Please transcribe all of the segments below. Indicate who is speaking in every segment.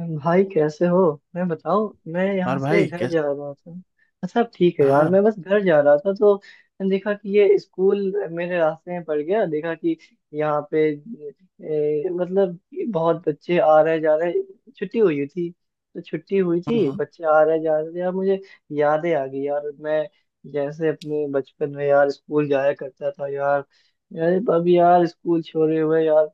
Speaker 1: भाई, कैसे हो। मैं बताओ, मैं यहाँ
Speaker 2: और भाई
Speaker 1: से घर जा
Speaker 2: कैसे।
Speaker 1: रहा था। अच्छा, अब ठीक है यार।
Speaker 2: हाँ।
Speaker 1: मैं बस घर जा रहा था तो मैंने देखा कि ये स्कूल मेरे रास्ते में पड़ गया। देखा कि यहाँ पे मतलब कि बहुत बच्चे आ रहे जा रहे। छुट्टी हुई थी। तो छुट्टी हुई थी,
Speaker 2: हम्म
Speaker 1: बच्चे आ रहे जा रहे थे यार। मुझे यादें आ गई यार। मैं जैसे अपने बचपन में यार स्कूल जाया करता था यार। यार अब यार स्कूल छोड़े हुए यार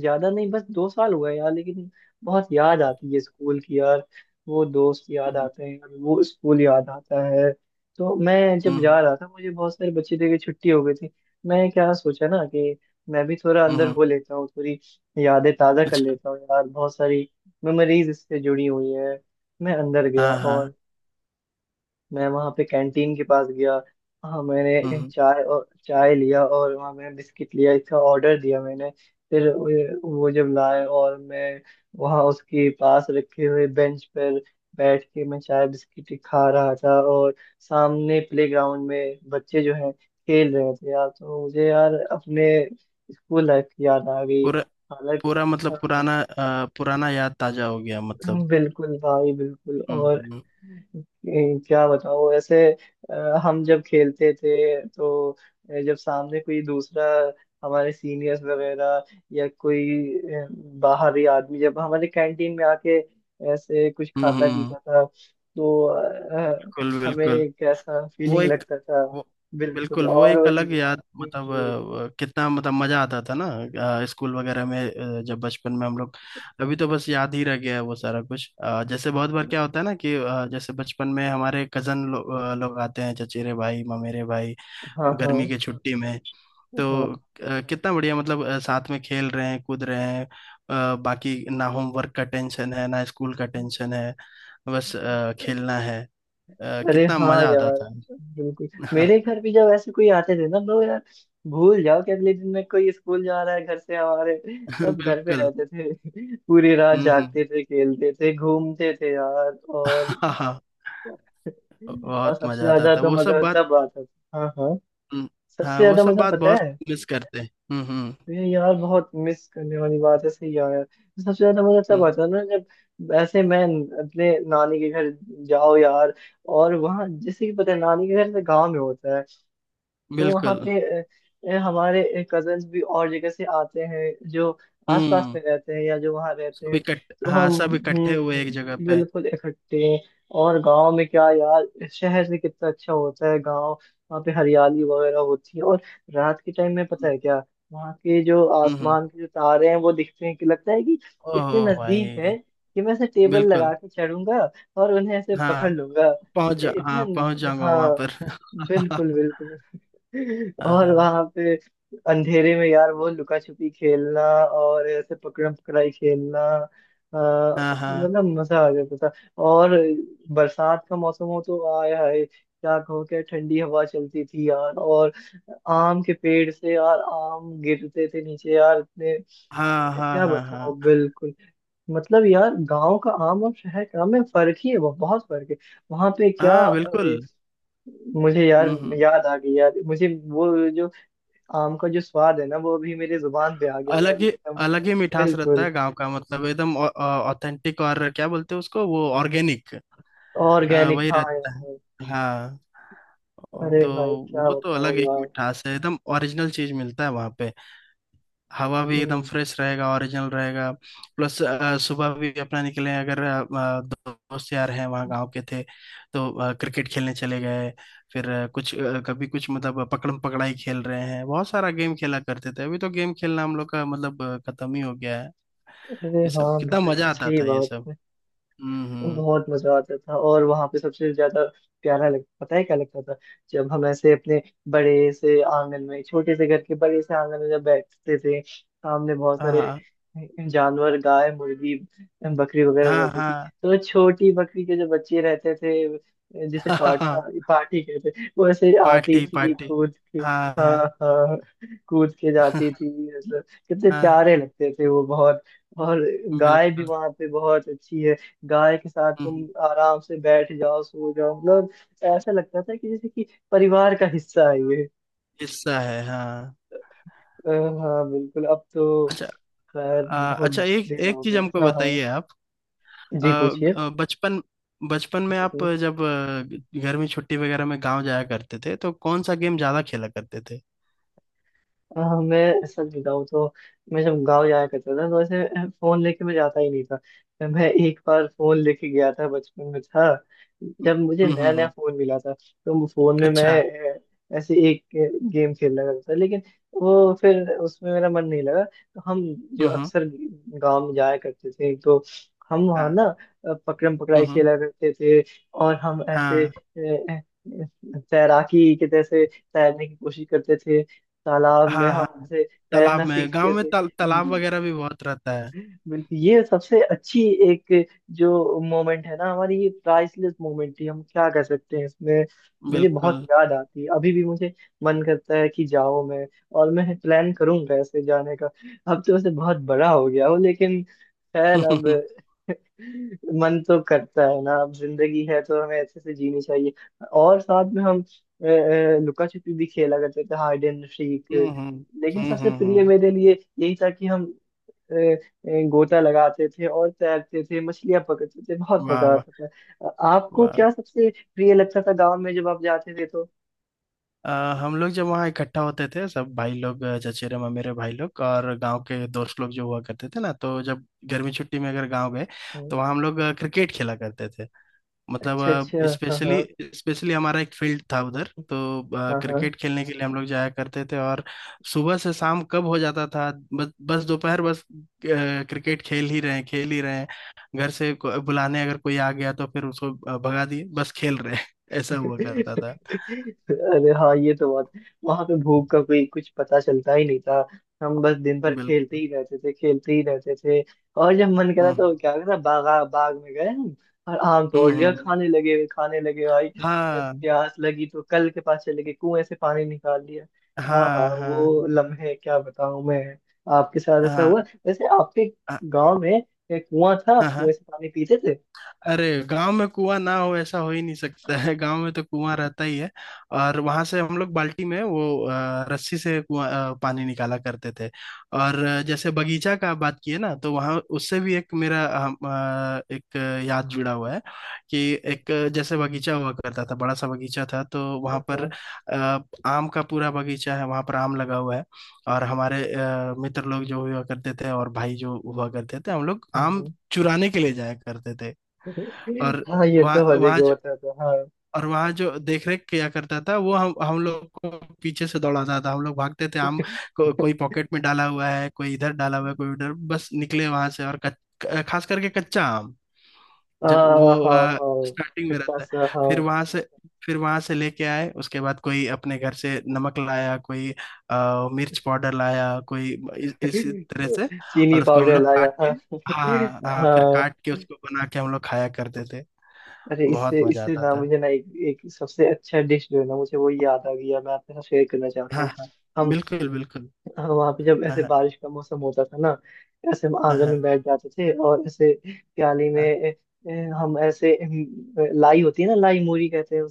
Speaker 1: ज्यादा नहीं, बस 2 साल हुआ है यार। लेकिन बहुत याद आती है स्कूल की यार। वो दोस्त याद
Speaker 2: हम्म
Speaker 1: आते हैं यार, वो स्कूल याद आता है। तो मैं जब
Speaker 2: हम्म,
Speaker 1: जा रहा था, मुझे बहुत सारे बच्चे थे कि छुट्टी हो गई थी। मैं क्या सोचा ना कि मैं भी थोड़ा
Speaker 2: हम्म,
Speaker 1: अंदर
Speaker 2: हम्म,
Speaker 1: हो लेता हूँ। थोड़ी यादें ताज़ा कर
Speaker 2: अच्छा।
Speaker 1: लेता हूँ यार, बहुत सारी मेमोरीज इससे जुड़ी हुई है। मैं अंदर गया
Speaker 2: हाँ हाँ।
Speaker 1: और मैं वहां पे कैंटीन के पास गया। हाँ,
Speaker 2: हम्म
Speaker 1: मैंने
Speaker 2: हम्म,
Speaker 1: चाय और चाय लिया, और वहाँ मैंने बिस्किट लिया, इसका ऑर्डर दिया मैंने। फिर वो जब लाए, और मैं वहाँ उसके पास रखे हुए बेंच पर बैठ के मैं चाय बिस्किट खा रहा था। और सामने प्लेग्राउंड में बच्चे जो हैं खेल रहे थे यार, तो मुझे यार अपने स्कूल लाइफ की याद आ गई।
Speaker 2: पूरा
Speaker 1: हालांकि
Speaker 2: पूरा मतलब
Speaker 1: हाँ,
Speaker 2: पुराना याद ताजा हो गया मतलब।
Speaker 1: बिल्कुल भाई बिल्कुल। और
Speaker 2: हम्म
Speaker 1: क्या बताऊं वैसे। अ, हम जब खेलते थे तो जब सामने कोई दूसरा, हमारे सीनियर्स वगैरह, या कोई ए, बाहरी आदमी जब हमारे कैंटीन में आके ऐसे कुछ
Speaker 2: हम्म
Speaker 1: खाता
Speaker 2: हम्म,
Speaker 1: पीता था, तो
Speaker 2: बिल्कुल बिल्कुल।
Speaker 1: हमें कैसा
Speaker 2: वो
Speaker 1: फीलिंग
Speaker 2: एक
Speaker 1: लगता था।
Speaker 2: वो
Speaker 1: बिल्कुल,
Speaker 2: बिल्कुल वो
Speaker 1: और
Speaker 2: एक
Speaker 1: वही।
Speaker 2: अलग याद
Speaker 1: जी
Speaker 2: मतलब
Speaker 1: जी,
Speaker 2: कितना मतलब मजा आता था ना। स्कूल वगैरह में जब बचपन में हम लोग अभी तो बस याद ही रह गया है वो सारा कुछ, जैसे बहुत बार क्या होता है ना कि जैसे बचपन में हमारे लोग आते हैं, चचेरे भाई, ममेरे भाई,
Speaker 1: हाँ
Speaker 2: गर्मी
Speaker 1: हाँ
Speaker 2: की छुट्टी में। तो कितना बढ़िया मतलब साथ में खेल रहे हैं, कूद रहे हैं, बाकी ना होमवर्क का टेंशन है ना स्कूल का टेंशन है, बस
Speaker 1: हाँ।
Speaker 2: खेलना है।
Speaker 1: अरे
Speaker 2: कितना
Speaker 1: हाँ
Speaker 2: मजा आता
Speaker 1: यार,
Speaker 2: था।
Speaker 1: बिल्कुल।
Speaker 2: हाँ,
Speaker 1: मेरे घर भी जब ऐसे कोई आते थे ना तो यार भूल जाओ कि अगले दिन में कोई स्कूल जा रहा है। घर से हमारे सब घर पे
Speaker 2: बिल्कुल।
Speaker 1: रहते थे पूरी रात
Speaker 2: हम्म हम्म।
Speaker 1: जागते थे, खेलते थे, घूमते थे यार।
Speaker 2: हाँ हाँ,
Speaker 1: और
Speaker 2: बहुत
Speaker 1: सबसे
Speaker 2: मजा आता
Speaker 1: ज्यादा
Speaker 2: था
Speaker 1: तो
Speaker 2: वो सब
Speaker 1: मजा
Speaker 2: बात।
Speaker 1: तब आता था। हाँ हाँ,
Speaker 2: हम्म,
Speaker 1: सबसे
Speaker 2: हाँ वो
Speaker 1: ज्यादा
Speaker 2: सब
Speaker 1: मजा
Speaker 2: बात
Speaker 1: पता
Speaker 2: बहुत
Speaker 1: है।
Speaker 2: मिस करते हैं।
Speaker 1: ये यार बहुत मिस करने वाली बात है सही यार। सबसे ज्यादा मजा
Speaker 2: हम्म,
Speaker 1: तब
Speaker 2: हम्म,
Speaker 1: आता है ना, जब ऐसे मैं अपने नानी के घर जाओ यार। और वहाँ जैसे कि पता है, नानी के घर से गांव में होता है। तो वहाँ
Speaker 2: बिल्कुल।
Speaker 1: पे हमारे कजन्स भी और जगह से आते हैं जो आसपास
Speaker 2: हम्म।
Speaker 1: में रहते हैं या जो वहाँ रहते
Speaker 2: सब
Speaker 1: हैं।
Speaker 2: इकट्ठ
Speaker 1: तो
Speaker 2: हाँ
Speaker 1: हम
Speaker 2: सब इकट्ठे हुए एक जगह पे।
Speaker 1: बिल्कुल इकट्ठे हैं। और गांव में क्या यार, शहर से कितना अच्छा होता है गांव। वहाँ पे हरियाली वगैरह होती है, और रात के टाइम में पता
Speaker 2: हम्म
Speaker 1: है क्या, वहाँ के जो
Speaker 2: हम्म, हम्म।
Speaker 1: आसमान के जो तारे हैं वो दिखते हैं कि लगता है कि इतने
Speaker 2: ओहो
Speaker 1: नजदीक है
Speaker 2: भाई।
Speaker 1: कि मैं ऐसे टेबल लगा
Speaker 2: बिल्कुल।
Speaker 1: के चढ़ूंगा और उन्हें ऐसे पकड़
Speaker 2: हाँ
Speaker 1: लूंगा।
Speaker 2: पहुंच
Speaker 1: इ-
Speaker 2: जा
Speaker 1: इतना
Speaker 2: हाँ पहुंच
Speaker 1: न-
Speaker 2: जाऊंगा वहां
Speaker 1: हाँ,
Speaker 2: पर
Speaker 1: बिल्कुल बिल्कुल। और
Speaker 2: हाँ
Speaker 1: वहां पे अंधेरे में यार वो लुका छुपी खेलना और ऐसे पकड़म पकड़ाई खेलना,
Speaker 2: हाँ हाँ हाँ
Speaker 1: मतलब मजा आ गया पता। और बरसात का मौसम हो तो आया है क्या कहो क्या, ठंडी हवा चलती थी यार। और आम के पेड़ से यार आम गिरते थे नीचे यार, इतने
Speaker 2: हाँ हाँ
Speaker 1: क्या
Speaker 2: हाँ
Speaker 1: बताओ।
Speaker 2: हाँ
Speaker 1: बिल्कुल। मतलब यार गांव का आम और शहर का आम में फर्क ही है, बहुत बहुत फर्क है। वहां पे क्या
Speaker 2: हाँ, बिल्कुल।
Speaker 1: मुझे यार
Speaker 2: हम्म हम्म।
Speaker 1: याद आ गई यार मुझे, वो जो आम का जो स्वाद है ना, वो अभी मेरे जुबान पे आ गया यार
Speaker 2: अलग ही
Speaker 1: एकदम।
Speaker 2: अलग ही मिठास रहता
Speaker 1: बिल्कुल
Speaker 2: है गांव का, मतलब एकदम ऑथेंटिक। और क्या बोलते हैं उसको, वो ऑर्गेनिक,
Speaker 1: ऑर्गेनिक
Speaker 2: वही
Speaker 1: हाँ
Speaker 2: रहता
Speaker 1: यार।
Speaker 2: है। हाँ। ओ,
Speaker 1: अरे
Speaker 2: तो
Speaker 1: भाई क्या
Speaker 2: वो तो
Speaker 1: बताओ
Speaker 2: अलग एक
Speaker 1: यार।
Speaker 2: मिठास है, एकदम ओरिजिनल चीज मिलता है वहां पे। हवा भी एकदम
Speaker 1: हम्म।
Speaker 2: फ्रेश रहेगा, ओरिजिनल रहेगा। प्लस सुबह भी अपना निकले, अगर दोस्त यार हैं वहाँ, गांव के थे, तो क्रिकेट खेलने चले गए, फिर कुछ कभी कुछ, मतलब पकड़म पकड़ाई खेल रहे हैं, बहुत सारा गेम खेला करते थे। अभी तो गेम खेलना हम लोग का मतलब खत्म ही हो गया है।
Speaker 1: अरे
Speaker 2: ये सब
Speaker 1: हाँ
Speaker 2: कितना
Speaker 1: भाई
Speaker 2: मजा आता
Speaker 1: सही
Speaker 2: था ये सब।
Speaker 1: बात।
Speaker 2: हम्म।
Speaker 1: बहुत मजा आता था, और वहां पे सबसे ज्यादा प्यारा लग, पता है क्या लगता था? जब हम ऐसे अपने बड़े से आंगन में, छोटे से घर के बड़े से आंगन में जब बैठते थे, सामने बहुत
Speaker 2: हाँ
Speaker 1: सारे
Speaker 2: हाँ
Speaker 1: जानवर, गाय, मुर्गी, बकरी वगैरह
Speaker 2: हाँ
Speaker 1: रहती थी।
Speaker 2: हाँ।
Speaker 1: तो छोटी बकरी के जो बच्चे रहते थे जिसे पाठा
Speaker 2: हाँ।
Speaker 1: पाठी कहते, वो ऐसे आती
Speaker 2: पार्टी
Speaker 1: थी
Speaker 2: पार्टी।
Speaker 1: कूद के।
Speaker 2: हाँ
Speaker 1: हाँ
Speaker 2: हाँ
Speaker 1: हाँ, कूद के जाती थी। मतलब कितने
Speaker 2: हाँ।
Speaker 1: प्यारे लगते थे वो, बहुत। और गाय भी
Speaker 2: बिल्कुल।
Speaker 1: वहां पे बहुत अच्छी है। गाय के साथ तुम
Speaker 2: हम्म,
Speaker 1: आराम से बैठ जाओ, सो जाओ। मतलब ऐसा लगता था कि जैसे कि परिवार का हिस्सा है ये।
Speaker 2: हिस्सा है हाँ।
Speaker 1: हाँ, बिल्कुल। अब तो
Speaker 2: अच्छा।
Speaker 1: खैर
Speaker 2: आ,
Speaker 1: बहुत
Speaker 2: अच्छा, एक
Speaker 1: दिन
Speaker 2: एक
Speaker 1: हो
Speaker 2: चीज
Speaker 1: गए।
Speaker 2: हमको
Speaker 1: हाँ हाँ,
Speaker 2: बताइए आप। आ,
Speaker 1: जी पूछिए।
Speaker 2: आ, बचपन बचपन में आप जब घर में छुट्टी वगैरह में गांव जाया करते थे तो कौन सा गेम ज्यादा खेला करते थे?
Speaker 1: मैं सच बताऊँ तो मैं जब गांव जाया करता था तो ऐसे फोन लेके मैं जाता ही नहीं था। मैं एक बार फोन लेके गया था, बचपन में था,
Speaker 2: हम्म
Speaker 1: जब मुझे
Speaker 2: हम्म
Speaker 1: नया
Speaker 2: हम्म,
Speaker 1: नया
Speaker 2: हम्म।
Speaker 1: फोन मिला था। तो वो फोन में
Speaker 2: अच्छा।
Speaker 1: मैं ऐसे एक गेम खेलना करता था, लेकिन वो फिर उसमें मेरा मन नहीं लगा। तो हम जो
Speaker 2: हम्म।
Speaker 1: अक्सर गांव में जाया करते थे, तो हम वहाँ
Speaker 2: हाँ।
Speaker 1: ना पकड़म
Speaker 2: हम्म
Speaker 1: पकड़ाई
Speaker 2: हम्म,
Speaker 1: खेला करते थे। और हम ऐसे
Speaker 2: हाँ
Speaker 1: अ, तैराकी के जैसे तैरने की कोशिश करते थे, तालाब में
Speaker 2: हाँ
Speaker 1: हम
Speaker 2: हाँ।
Speaker 1: ऐसे तैरना
Speaker 2: तालाब में गांव
Speaker 1: सीखते
Speaker 2: में
Speaker 1: थे।
Speaker 2: तालाब वगैरह भी बहुत रहता है।
Speaker 1: बिल्कुल, ये सबसे अच्छी एक जो मोमेंट है ना हमारी, ये प्राइसलेस मोमेंट थी। हम क्या कर सकते हैं इसमें। मुझे बहुत
Speaker 2: बिल्कुल।
Speaker 1: याद आती है, अभी भी मुझे मन करता है कि जाऊं मैं। और मैं प्लान करूंगा ऐसे जाने का। अब तो वैसे बहुत बड़ा हो गया हूं, लेकिन खैर अब
Speaker 2: हम्म
Speaker 1: मन तो करता है ना, अब जिंदगी है तो हमें अच्छे से जीनी चाहिए। और साथ में हम लुका छिपी भी खेला करते थे, हाइड एंड सीक।
Speaker 2: हम्म हम्म
Speaker 1: लेकिन सबसे
Speaker 2: हम्म
Speaker 1: प्रिय
Speaker 2: हम्म,
Speaker 1: मेरे लिए यही था कि हम गोता लगाते थे और तैरते थे, मछलियां पकड़ते थे, बहुत
Speaker 2: वाह
Speaker 1: मजा
Speaker 2: वाह
Speaker 1: आता था। आपको
Speaker 2: वाह।
Speaker 1: क्या सबसे प्रिय लगता था गांव में जब आप जाते थे तो?
Speaker 2: अ, हम लोग जब वहाँ इकट्ठा होते थे सब भाई लोग, चचेरे ममेरे भाई लोग और गांव के दोस्त लोग जो हुआ करते थे ना, तो जब गर्मी छुट्टी में अगर गांव गए
Speaker 1: हम्म,
Speaker 2: तो वहाँ हम लोग क्रिकेट खेला करते थे,
Speaker 1: अच्छा
Speaker 2: मतलब
Speaker 1: अच्छा। हाँ हाँ
Speaker 2: स्पेशली। स्पेशली हमारा एक फील्ड था उधर, तो
Speaker 1: हाँ हाँ।
Speaker 2: क्रिकेट खेलने के लिए हम लोग जाया करते थे, और सुबह से शाम कब हो जाता था, बस बस दोपहर बस क्रिकेट खेल ही रहे हैं, खेल ही रहे हैं। घर से बुलाने अगर कोई आ गया तो फिर उसको भगा दिए, बस खेल रहे हैं ऐसा हुआ करता था।
Speaker 1: अरे हाँ, ये तो बात। वहां पे भूख का कोई कुछ पता चलता ही नहीं था। हम बस दिन भर खेलते
Speaker 2: बिल्कुल।
Speaker 1: ही रहते थे, खेलते ही रहते थे। और जब मन करा तो
Speaker 2: हम्म
Speaker 1: क्या करा, बागा बाग में गए हम और आम तोड़ लिया।
Speaker 2: हम्म।
Speaker 1: हम्म। खाने लगे, वे खाने लगे भाई।
Speaker 2: हाँ
Speaker 1: प्यास लगी तो कल के पास चले गए, कुएं से पानी निकाल लिया। हाँ हाँ,
Speaker 2: हाँ हाँ
Speaker 1: वो लम्हे क्या बताऊं मैं। आपके साथ
Speaker 2: हाँ
Speaker 1: ऐसा
Speaker 2: हाँ
Speaker 1: हुआ वैसे? आपके गांव में एक कुआं था,
Speaker 2: हाँ
Speaker 1: आप
Speaker 2: हाँ।
Speaker 1: कुएं से पानी पीते थे?
Speaker 2: अरे गांव में कुआं ना हो ऐसा हो ही नहीं सकता है, गांव में तो कुआं रहता ही है। और वहां से हम लोग बाल्टी में वो रस्सी से कुआं पानी निकाला करते थे। और जैसे बगीचा का बात किए ना, तो वहां उससे भी एक मेरा एक याद जुड़ा हुआ है कि एक जैसे बगीचा हुआ करता था, बड़ा सा बगीचा था, तो वहां
Speaker 1: हाँ
Speaker 2: पर
Speaker 1: हाँ,
Speaker 2: अ, आम का पूरा बगीचा है, वहां पर आम लगा हुआ है। और हमारे मित्र लोग जो हुआ करते थे, और भाई जो हुआ करते थे, हम लोग आम
Speaker 1: हम्म,
Speaker 2: चुराने के लिए जाया करते थे। और
Speaker 1: हाँ, ये
Speaker 2: वहाँ
Speaker 1: तो हर
Speaker 2: वहाँ
Speaker 1: जगह
Speaker 2: जो
Speaker 1: होता था। हाँ
Speaker 2: और वहाँ जो देख रेख किया करता था वो हम लोग को पीछे से दौड़ाता था, हम लोग भागते थे। कोई पॉकेट में डाला हुआ है, कोई इधर डाला हुआ है, कोई उधर, बस निकले वहां से। और खास करके कच्चा आम, जब
Speaker 1: हाँ
Speaker 2: वो
Speaker 1: हाँ हाँ।
Speaker 2: स्टार्टिंग में
Speaker 1: खट्टा
Speaker 2: रहता है,
Speaker 1: सा,
Speaker 2: फिर
Speaker 1: हाँ।
Speaker 2: वहां से, फिर वहां से लेके आए उसके बाद, कोई अपने घर से नमक लाया, कोई मिर्च पाउडर लाया, कोई इस तरह से।
Speaker 1: चीनी
Speaker 2: और उसको हम
Speaker 1: पाउडर
Speaker 2: लोग
Speaker 1: लाया।
Speaker 2: काट के,
Speaker 1: हाँ
Speaker 2: हाँ हाँ हाँ, फिर
Speaker 1: हाँ।
Speaker 2: काट के उसको बना के हम लोग खाया करते थे।
Speaker 1: अरे इससे
Speaker 2: बहुत मजा
Speaker 1: इससे
Speaker 2: आता
Speaker 1: ना,
Speaker 2: था।
Speaker 1: मुझे ना एक सबसे अच्छा डिश जो है ना मुझे वो याद आ गया, मैं आपके साथ शेयर करना चाहता
Speaker 2: हाँ
Speaker 1: हूँ।
Speaker 2: हाँ।
Speaker 1: हम
Speaker 2: बिल्कुल बिल्कुल।
Speaker 1: वहाँ पे जब
Speaker 2: हाँ
Speaker 1: ऐसे
Speaker 2: हाँ
Speaker 1: बारिश का मौसम होता था ना, ऐसे हम
Speaker 2: हाँ
Speaker 1: आंगन में
Speaker 2: हाँ
Speaker 1: बैठ जाते थे। और ऐसे प्याली में ए, ए, हम ऐसे लाई होती है ना, लाई मूरी कहते हैं।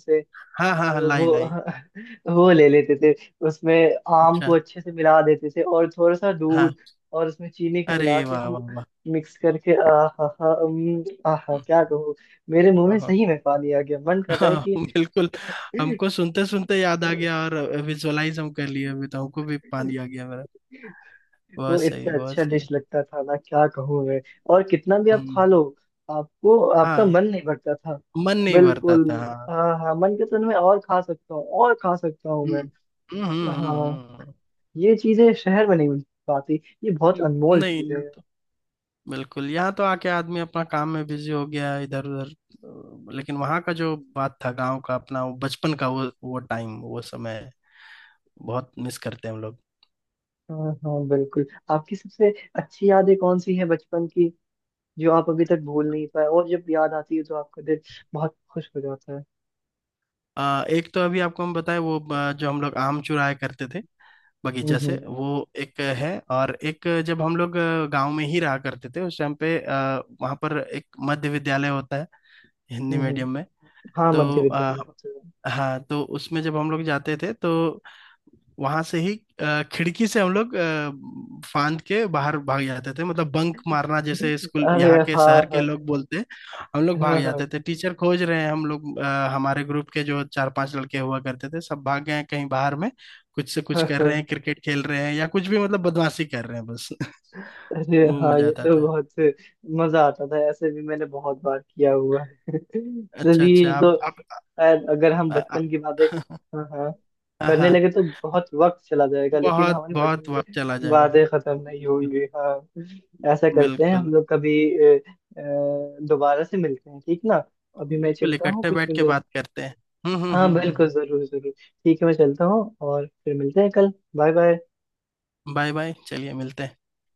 Speaker 2: हाँ हाँ हाँ हाँ, लाई
Speaker 1: वो
Speaker 2: लाई।
Speaker 1: वो ले लेते थे, उसमें आम
Speaker 2: अच्छा।
Speaker 1: को अच्छे से मिला देते थे, और थोड़ा सा
Speaker 2: हाँ।
Speaker 1: दूध और उसमें चीनी के
Speaker 2: अरे
Speaker 1: मिला के
Speaker 2: वाह
Speaker 1: हम
Speaker 2: वाह वाह।
Speaker 1: मिक्स करके, आहा हा, आहा, क्या
Speaker 2: हम्म,
Speaker 1: कहूँ। मेरे मुंह में
Speaker 2: ओहो,
Speaker 1: सही में पानी आ गया, मन कर रहा है
Speaker 2: हाँ,
Speaker 1: कि
Speaker 2: बिल्कुल। हमको सुनते सुनते याद आ गया, और विजुअलाइज हम कर लिए, अभी तो हमको भी पानी आ गया मेरा।
Speaker 1: वो
Speaker 2: बहुत सही
Speaker 1: इतना
Speaker 2: बहुत
Speaker 1: अच्छा डिश
Speaker 2: सही।
Speaker 1: लगता था ना, क्या कहूँ मैं। और कितना भी
Speaker 2: हम्म
Speaker 1: आप खा लो,
Speaker 2: हम्म।
Speaker 1: आपको आपका
Speaker 2: हाँ,
Speaker 1: मन नहीं भरता था।
Speaker 2: मन नहीं भरता
Speaker 1: बिल्कुल,
Speaker 2: था हाँ।
Speaker 1: हाँ हाँ। मन के तो मैं और खा सकता हूँ, और खा सकता हूँ मैं।
Speaker 2: हम्म हम्म हम्म हम्म,
Speaker 1: हाँ।
Speaker 2: हम्म,
Speaker 1: ये चीजें शहर में नहीं मिल पाती। ये बहुत अनमोल
Speaker 2: नहीं।
Speaker 1: चीजें हैं।
Speaker 2: बिल्कुल, यहाँ तो आके आदमी अपना काम में बिजी हो गया इधर उधर, लेकिन वहाँ का जो बात था गांव का, अपना वो बचपन का वो टाइम वो समय बहुत मिस करते हैं हम लोग।
Speaker 1: हाँ हाँ, बिल्कुल। आपकी सबसे अच्छी यादें कौन सी हैं बचपन की, जो आप अभी तक भूल नहीं पाए, और जब याद आती है तो आपका दिल बहुत खुश हो जाता है?
Speaker 2: एक तो अभी आपको हम बताएं वो जो हम लोग आम चुराया करते थे
Speaker 1: हम्म
Speaker 2: बगीचा से,
Speaker 1: हम्म
Speaker 2: वो एक है। और एक, जब हम लोग गांव में ही रहा करते थे उस टाइम पे, वहाँ पर एक मध्य विद्यालय होता है, हिंदी
Speaker 1: हम्म।
Speaker 2: मीडियम में।
Speaker 1: हाँ,
Speaker 2: तो
Speaker 1: मध्य विद्यालय उत्सव।
Speaker 2: हाँ, तो उसमें जब हम लोग जाते थे, तो वहां से ही खिड़की से हम लोग फांद के बाहर भाग जाते थे। मतलब बंक मारना जैसे स्कूल
Speaker 1: अरे
Speaker 2: यहाँ के
Speaker 1: हाँ
Speaker 2: शहर के
Speaker 1: हाँ
Speaker 2: लोग बोलते हैं, हम लोग भाग
Speaker 1: हाँ, हाँ
Speaker 2: जाते थे। टीचर खोज रहे हैं, हम लोग हमारे ग्रुप के जो चार पांच लड़के हुआ करते थे सब भाग गए हैं कहीं बाहर में, कुछ से कुछ
Speaker 1: हाँ
Speaker 2: कर रहे
Speaker 1: हाँ।
Speaker 2: हैं, क्रिकेट खेल रहे हैं, या कुछ भी, मतलब बदमाशी कर रहे हैं बस
Speaker 1: अरे
Speaker 2: वो
Speaker 1: हाँ
Speaker 2: मजा
Speaker 1: ये
Speaker 2: आता
Speaker 1: तो
Speaker 2: था।
Speaker 1: बहुत मजा आता था, ऐसे भी मैंने बहुत बार किया हुआ है
Speaker 2: अच्छा
Speaker 1: चलिए,
Speaker 2: अच्छा,
Speaker 1: ये तो
Speaker 2: आप
Speaker 1: अगर हम
Speaker 2: आ, आ,
Speaker 1: बचपन की बातें, हाँ हाँ,
Speaker 2: हाँ
Speaker 1: करने
Speaker 2: हाँ।
Speaker 1: लगे तो बहुत वक्त चला जाएगा, लेकिन
Speaker 2: बहुत
Speaker 1: हमारे
Speaker 2: बहुत
Speaker 1: बचपन
Speaker 2: वक्त
Speaker 1: के
Speaker 2: चला जाएगा।
Speaker 1: वादे खत्म नहीं
Speaker 2: बिल्कुल
Speaker 1: होंगे। हाँ। ऐसा करते हैं
Speaker 2: बिल्कुल।
Speaker 1: हम लोग, कभी दोबारा से मिलते हैं, ठीक ना? अभी मैं
Speaker 2: बिल्कुल
Speaker 1: चलता हूँ
Speaker 2: इकट्ठे
Speaker 1: कुछ
Speaker 2: बैठ के
Speaker 1: मिनट।
Speaker 2: बात करते हैं।
Speaker 1: हाँ, बिल्कुल,
Speaker 2: हम्म।
Speaker 1: जरूर जरूर। ठीक है, मैं चलता हूँ और फिर मिलते हैं कल। Bye bye.
Speaker 2: बाय बाय, चलिए मिलते हैं।